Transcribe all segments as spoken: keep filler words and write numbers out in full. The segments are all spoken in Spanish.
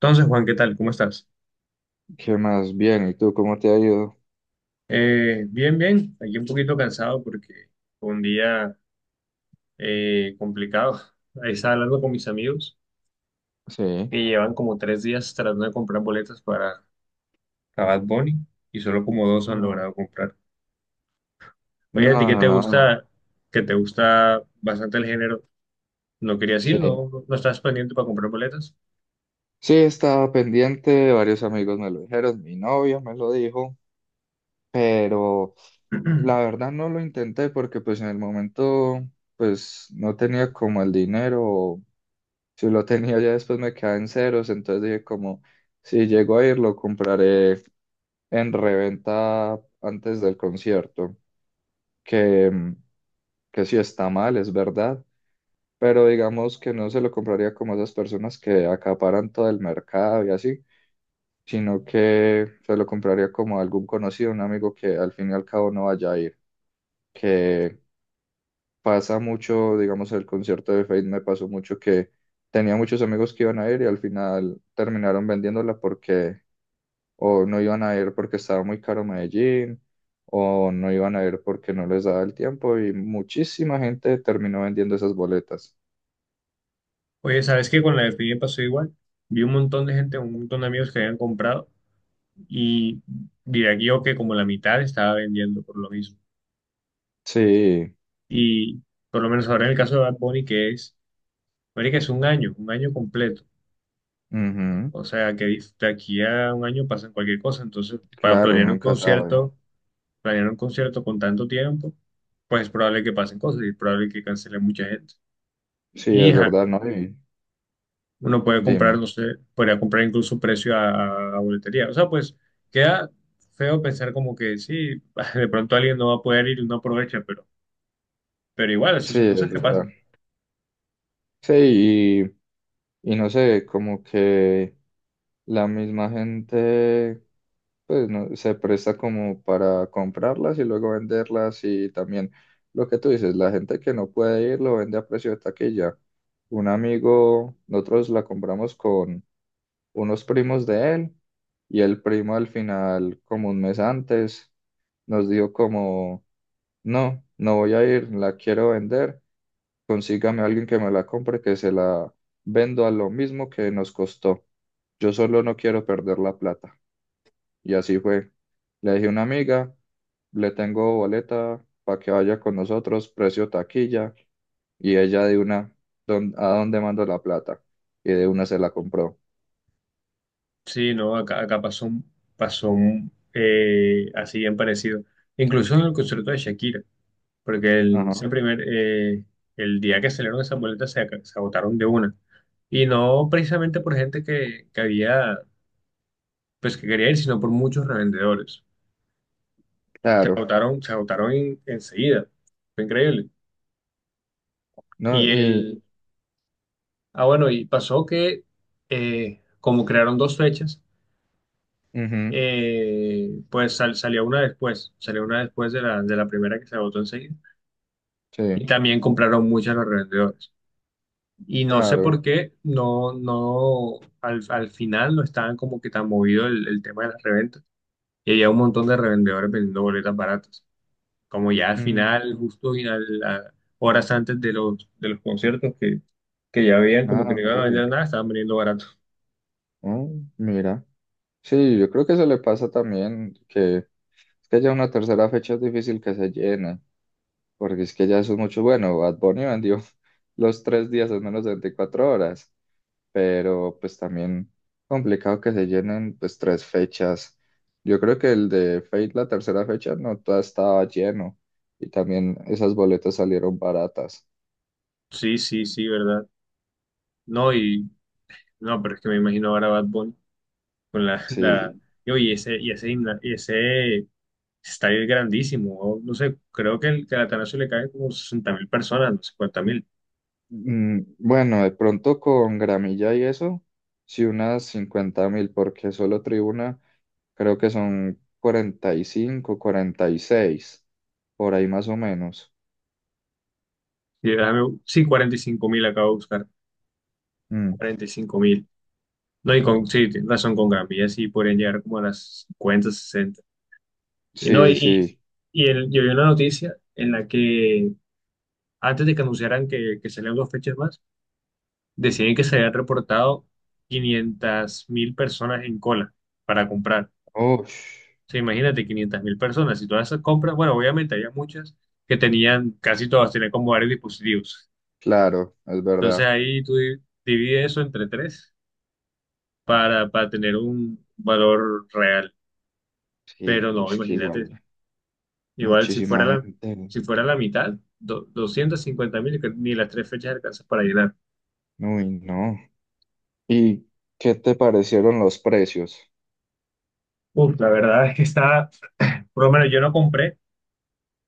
Entonces, Juan, ¿qué tal? ¿Cómo estás? ¿Qué más? Bien, ¿y tú cómo te ha ido? Eh, bien, bien. Aquí un poquito cansado porque fue un día eh, complicado. Ahí estaba hablando con mis amigos Sí. que llevan como tres días tratando de comprar boletas para para Bad Bunny y solo como dos han No, logrado comprar. Oye, ¿a ti no, qué no, te no. gusta? Que te gusta bastante el género. No quería Sí. decir, no, no no estás pendiente para comprar boletas. Sí, estaba pendiente, varios amigos me lo dijeron, mi novia me lo dijo, pero la verdad no lo intenté porque pues en el momento pues no tenía como el dinero, o si lo tenía ya después me quedaba en ceros, entonces dije como si llego a ir lo compraré en reventa antes del concierto, que, que sí está mal, es verdad, pero digamos que no se lo compraría como esas personas que acaparan todo el mercado y así, sino que se lo compraría como a algún conocido, un amigo que al fin y al cabo no vaya a ir, que pasa mucho, digamos, el concierto de Faith me pasó mucho que tenía muchos amigos que iban a ir y al final terminaron vendiéndola porque o no iban a ir porque estaba muy caro Medellín, o no iban a ir porque no les daba el tiempo y muchísima gente terminó vendiendo esas boletas. Oye, ¿sabes qué? Con la de Piñe pasó igual. Vi un montón de gente, un montón de amigos que habían comprado y diría que yo que como la mitad estaba vendiendo por lo mismo. Sí, Y por lo menos ahora en el caso de Bad Bunny, que es, marica, es un año, un año completo. ujú. O sea, que dif- de aquí a un año pasan cualquier cosa. Entonces, para Claro, uno planear un nunca sabe. concierto, planear un concierto con tanto tiempo, pues es probable que pasen cosas y es probable que cancele mucha gente. Sí, Y es ajá, verdad, ¿no? Y uno puede comprar, dime. no sé, podría comprar incluso precio a, a boletería. O sea, pues queda feo pensar como que sí, de pronto alguien no va a poder ir y no aprovecha, pero Pero igual, eso Sí, son es cosas que verdad. pasan. Sí, y, y no sé, como que la misma gente, pues, no, se presta como para comprarlas y luego venderlas y también lo que tú dices, la gente que no puede ir lo vende a precio de taquilla. Un amigo, nosotros la compramos con unos primos de él y el primo al final, como un mes antes, nos dio como... No, no voy a ir, la quiero vender. Consígame a alguien que me la compre, que se la vendo a lo mismo que nos costó. Yo solo no quiero perder la plata. Y así fue. Le dije a una amiga, le tengo boleta para que vaya con nosotros, precio taquilla. Y ella de una, "¿Dón- ¿a dónde mando la plata?" Y de una se la compró. Sí, no, acá, acá pasó, un- pasó un, eh, así bien parecido. Incluso en el concierto de Shakira, porque el, ese Ajá, primer, eh, el día que salieron esas boletas se, ac- se agotaron de una. Y no precisamente por gente que, que había, pues que quería ir, sino por muchos revendedores. Se claro. agotaron, se agotaron en- enseguida. Fue increíble. No, Y y, el, ah, bueno, y pasó que eh, como crearon dos fechas, ujú, eh, pues sal- salió una después, salió una después de la, de la primera que se agotó enseguida. sí, Y también compraron muchas los revendedores. Y no sé claro. por qué, no, no, al, al final no estaban como que tan movido el, el tema de las reventas. Y había un montón de revendedores vendiendo boletas baratas. Como ya al Mm, final, justo y al- a- horas antes de los, de los conciertos que, que ya veían como ah, que no ok. iban a vender nada, estaban vendiendo barato. Oh, mira. Sí, yo creo que eso le pasa también, que es que ya una tercera fecha es difícil que se llene, porque es que ya eso es mucho bueno. Bad Bunny vendió los tres días en menos de veinticuatro horas, pero pues también complicado que se llenen pues tres fechas. Yo creo que el de Fate, la tercera fecha, no toda estaba lleno y también esas boletas salieron baratas. Sí, sí, sí, ¿verdad? No, y no, pero es que me imagino ahora Bad Bunny. Con la, la Sí. y oye, ese, y ese, gimna- y ese estadio es grandísimo, o no sé, creo que el, que al Atanasio le cae como sesenta mil personas, no cincuenta mil, Mm, bueno, de pronto con gramilla y eso, sí unas cincuenta mil, porque solo tribuna. Creo que son cuarenta cuarenta y cinco, cuarenta y seis, por ahí más o menos. sí, déjame- sí, cuarenta y cinco mil acabo de buscar, Mm. cuarenta y cinco mil, no, y con, sí, tienes razón, con Gambia sí podrían llegar como a las cincuenta sesenta y no, Sí, y, sí. y el, yo vi una noticia en la que antes de que anunciaran que, que salían dos fechas más, decían que se habían reportado quinientas mil personas en cola para comprar. Ush, Sea, imagínate quinientas mil personas y todas esas compras, bueno, obviamente había muchas que tenían, casi todas tenían como varios dispositivos. claro, es Entonces verdad. ahí tú di- divides eso entre tres para, para tener un valor real. Sí, Pero no, es que imagínate, igual, igual si fuera muchísima la, gente. si fuera la mitad, do- doscientos cincuenta mil, que ni las tres fechas alcanzas para llenar. Uy, no. ¿Y qué te parecieron los precios? Uf, la verdad es que está, por lo menos yo no compré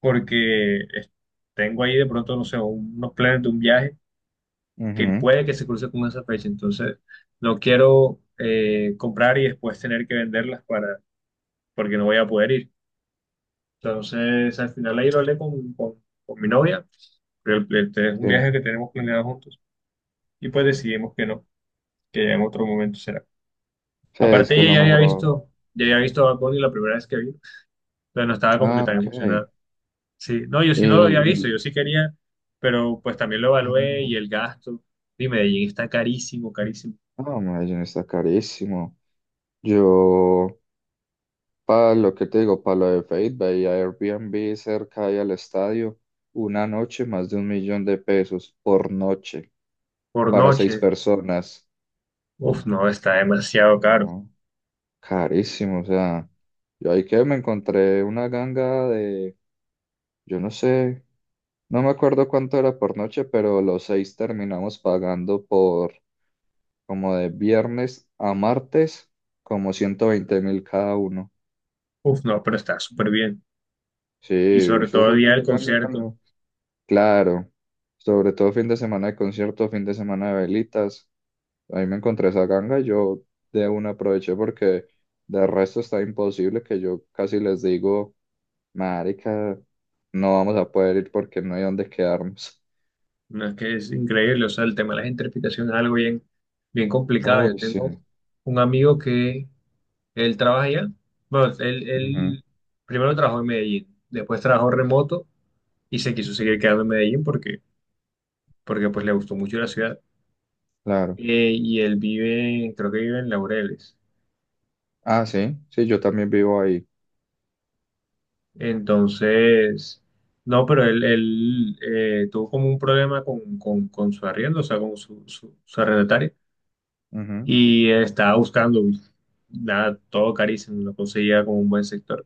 porque eh, tengo ahí de pronto, no sé, unos planes de un viaje que Ujú. puede que se cruce con esa fecha. Entonces, no quiero eh, comprar y después tener que venderlas para, porque no voy a poder ir. Entonces, al final ahí lo hablé con, con, con mi novia, pero el- este es un Sí, viaje que tenemos planeado juntos y pues decidimos que no, que ya en otro momento será. sí, es Aparte, que es ella lo ya había mejor. visto, ya había visto a Bad Bunny la primera vez que vino, pero no estaba como que Ah, tan ok. emocionada. Sí, no, yo sí no lo había visto, El... yo sí quería, pero pues también lo evalué Ah, y el gasto. Y Medellín está carísimo, carísimo no, Medellín está carísimo. Yo, para lo que te digo, para lo de Fate, veía Airbnb cerca ahí al estadio, una noche más de un millón de pesos por noche por para seis noche. personas. Uf, no, está demasiado caro. No, carísimo, o sea, yo ahí que me encontré una ganga de, yo no sé, no me acuerdo cuánto era por noche, pero los seis terminamos pagando por como de viernes a martes, como ciento veinte mil cada uno. Uf, no, pero está súper bien. Sí, Y sobre eso todo fue el día del una ganga que concierto. no- Claro, sobre todo fin de semana de conciertos, fin de semana de velitas. Ahí me encontré esa ganga, yo de una aproveché porque de resto está imposible que yo casi les digo, marica, no vamos a poder ir porque no hay dónde quedarnos. No es que es increíble, o sea, el tema de las interpretaciones es algo bien, bien complicado. Yo Uy, sí, tengo un amigo que él trabaja allá. Bueno, él, ujú, él primero trabajó en Medellín, después trabajó remoto y se quiso seguir quedando en Medellín porque, porque pues le gustó mucho la ciudad. claro. Eh, y él vive, creo que vive en Laureles. Ah, sí, sí, yo también vivo ahí. Entonces, no, pero él, él, eh, tuvo como un problema con, con, con su arriendo, o sea, con su, su, su arrendatario, Ujú, y estaba buscando, nada, todo carísimo, no conseguía como un buen sector,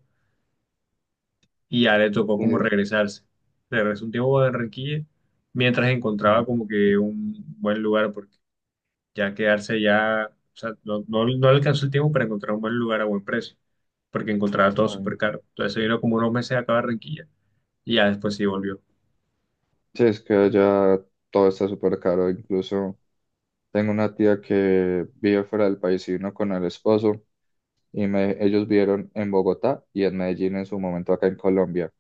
y ya le tocó como y- regresarse. Regresó un tiempo a Barranquilla mientras encontraba ujú, como que un buen lugar, porque ya quedarse ya, o sea, no, no, no le alcanzó el tiempo para encontrar un buen lugar a buen precio, porque encontraba todo vale. súper caro. Entonces se vino como unos meses acá a Barranquilla, y ya después sí volvió. Sí, es que ya todo está súper caro, incluso tengo una tía que vive fuera del país y vino con el esposo, y me- ellos vivieron en Bogotá y en Medellín en su momento acá en Colombia.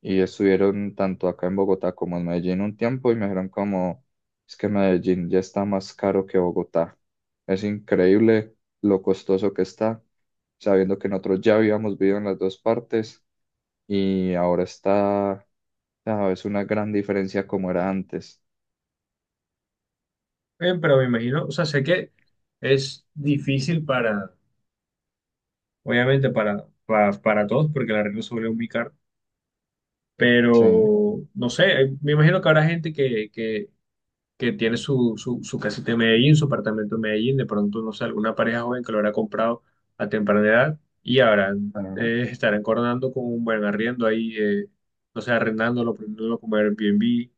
Y estuvieron tanto acá en Bogotá como en Medellín un tiempo y me dijeron como, es que Medellín ya está más caro que Bogotá. Es increíble lo costoso que está, sabiendo que nosotros ya habíamos vivido en las dos partes y ahora está, ah, es una gran diferencia como era antes. Eh, pero me imagino, o sea, sé que es difícil para, obviamente para, para, para todos, porque la arreglo se vuelve muy Sí. pero no sé, eh, me imagino que habrá gente que, que, que tiene su, su, su casita en Medellín, su apartamento en Medellín, de pronto, no sé, alguna pareja joven que lo habrá comprado a temprana edad y habrán, Ajá. eh, estarán coronando con un buen arriendo ahí, eh, no sé, arrendándolo, prendiéndolo como Airbnb,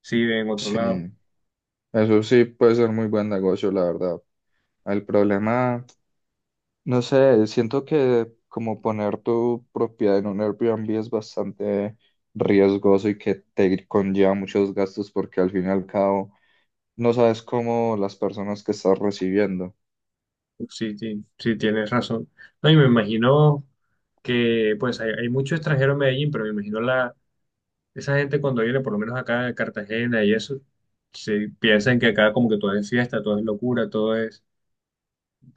si en otro Sí, lado. eso sí puede ser muy buen negocio, la verdad. El problema... No sé, siento que como poner tu propiedad en un Airbnb es bastante riesgoso y que te conlleva muchos gastos porque al fin y al cabo no sabes cómo las personas que estás recibiendo. Sí, ti- sí, tienes razón. No, y me imagino que pues hay, hay mucho extranjero en Medellín, pero me imagino la, esa gente cuando viene, por lo menos acá a Cartagena y eso, se piensan que acá como que todo es fiesta, todo es locura, todo es...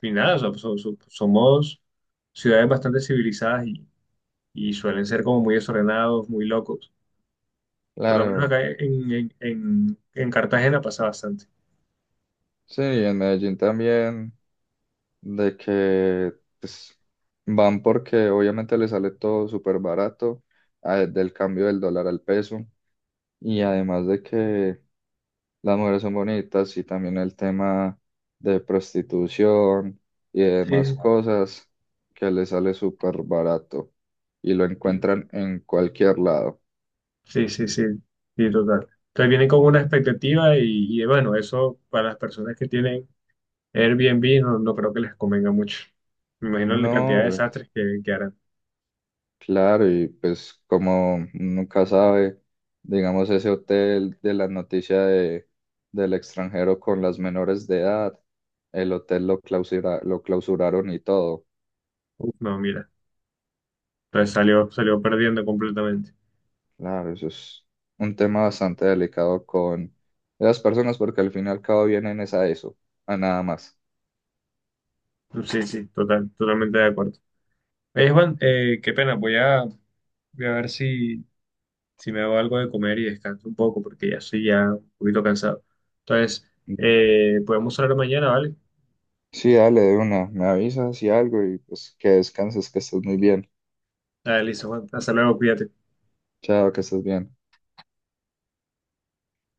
Y nada, o sea, so- so- somos ciudades bastante civilizadas y, y suelen ser como muy desordenados, muy locos. Por lo menos Claro, acá en, en, en, en Cartagena pasa bastante. sí, en Medellín también, de que pues, van porque obviamente les sale todo súper barato, ah, del cambio del dólar al peso, y además de que las mujeres son bonitas y también el tema de prostitución y Sí, demás cosas que le sale súper barato y lo sí. encuentran en cualquier lado. Sí, sí, sí, sí, total. Entonces vienen con una expectativa y, y, bueno, eso para las personas que tienen Airbnb no, no creo que les convenga mucho. Me imagino la cantidad No, de pues, desastres que, que harán. claro, y pues como nunca sabe, digamos ese hotel de la noticia de, del extranjero con las menores de edad, el hotel lo clausura- lo clausuraron y todo. Uf, no, mira. Entonces salió, salió perdiendo completamente. Claro, eso es un tema bastante delicado con las personas porque al fin y al cabo vienen es a eso, a nada más. Sí, sí, total, totalmente de acuerdo. Oye, Juan, eh, qué pena, voy a, voy a ver si, si me hago algo de comer y descanso un poco porque ya estoy ya un poquito cansado. Entonces, Da- eh, podemos hablar mañana, ¿vale? Sí, dale de una, me avisas y algo y pues que descanses, que estés muy bien. Dale, listo, Juan. Hasta luego, cuídate. Chao, que estés bien.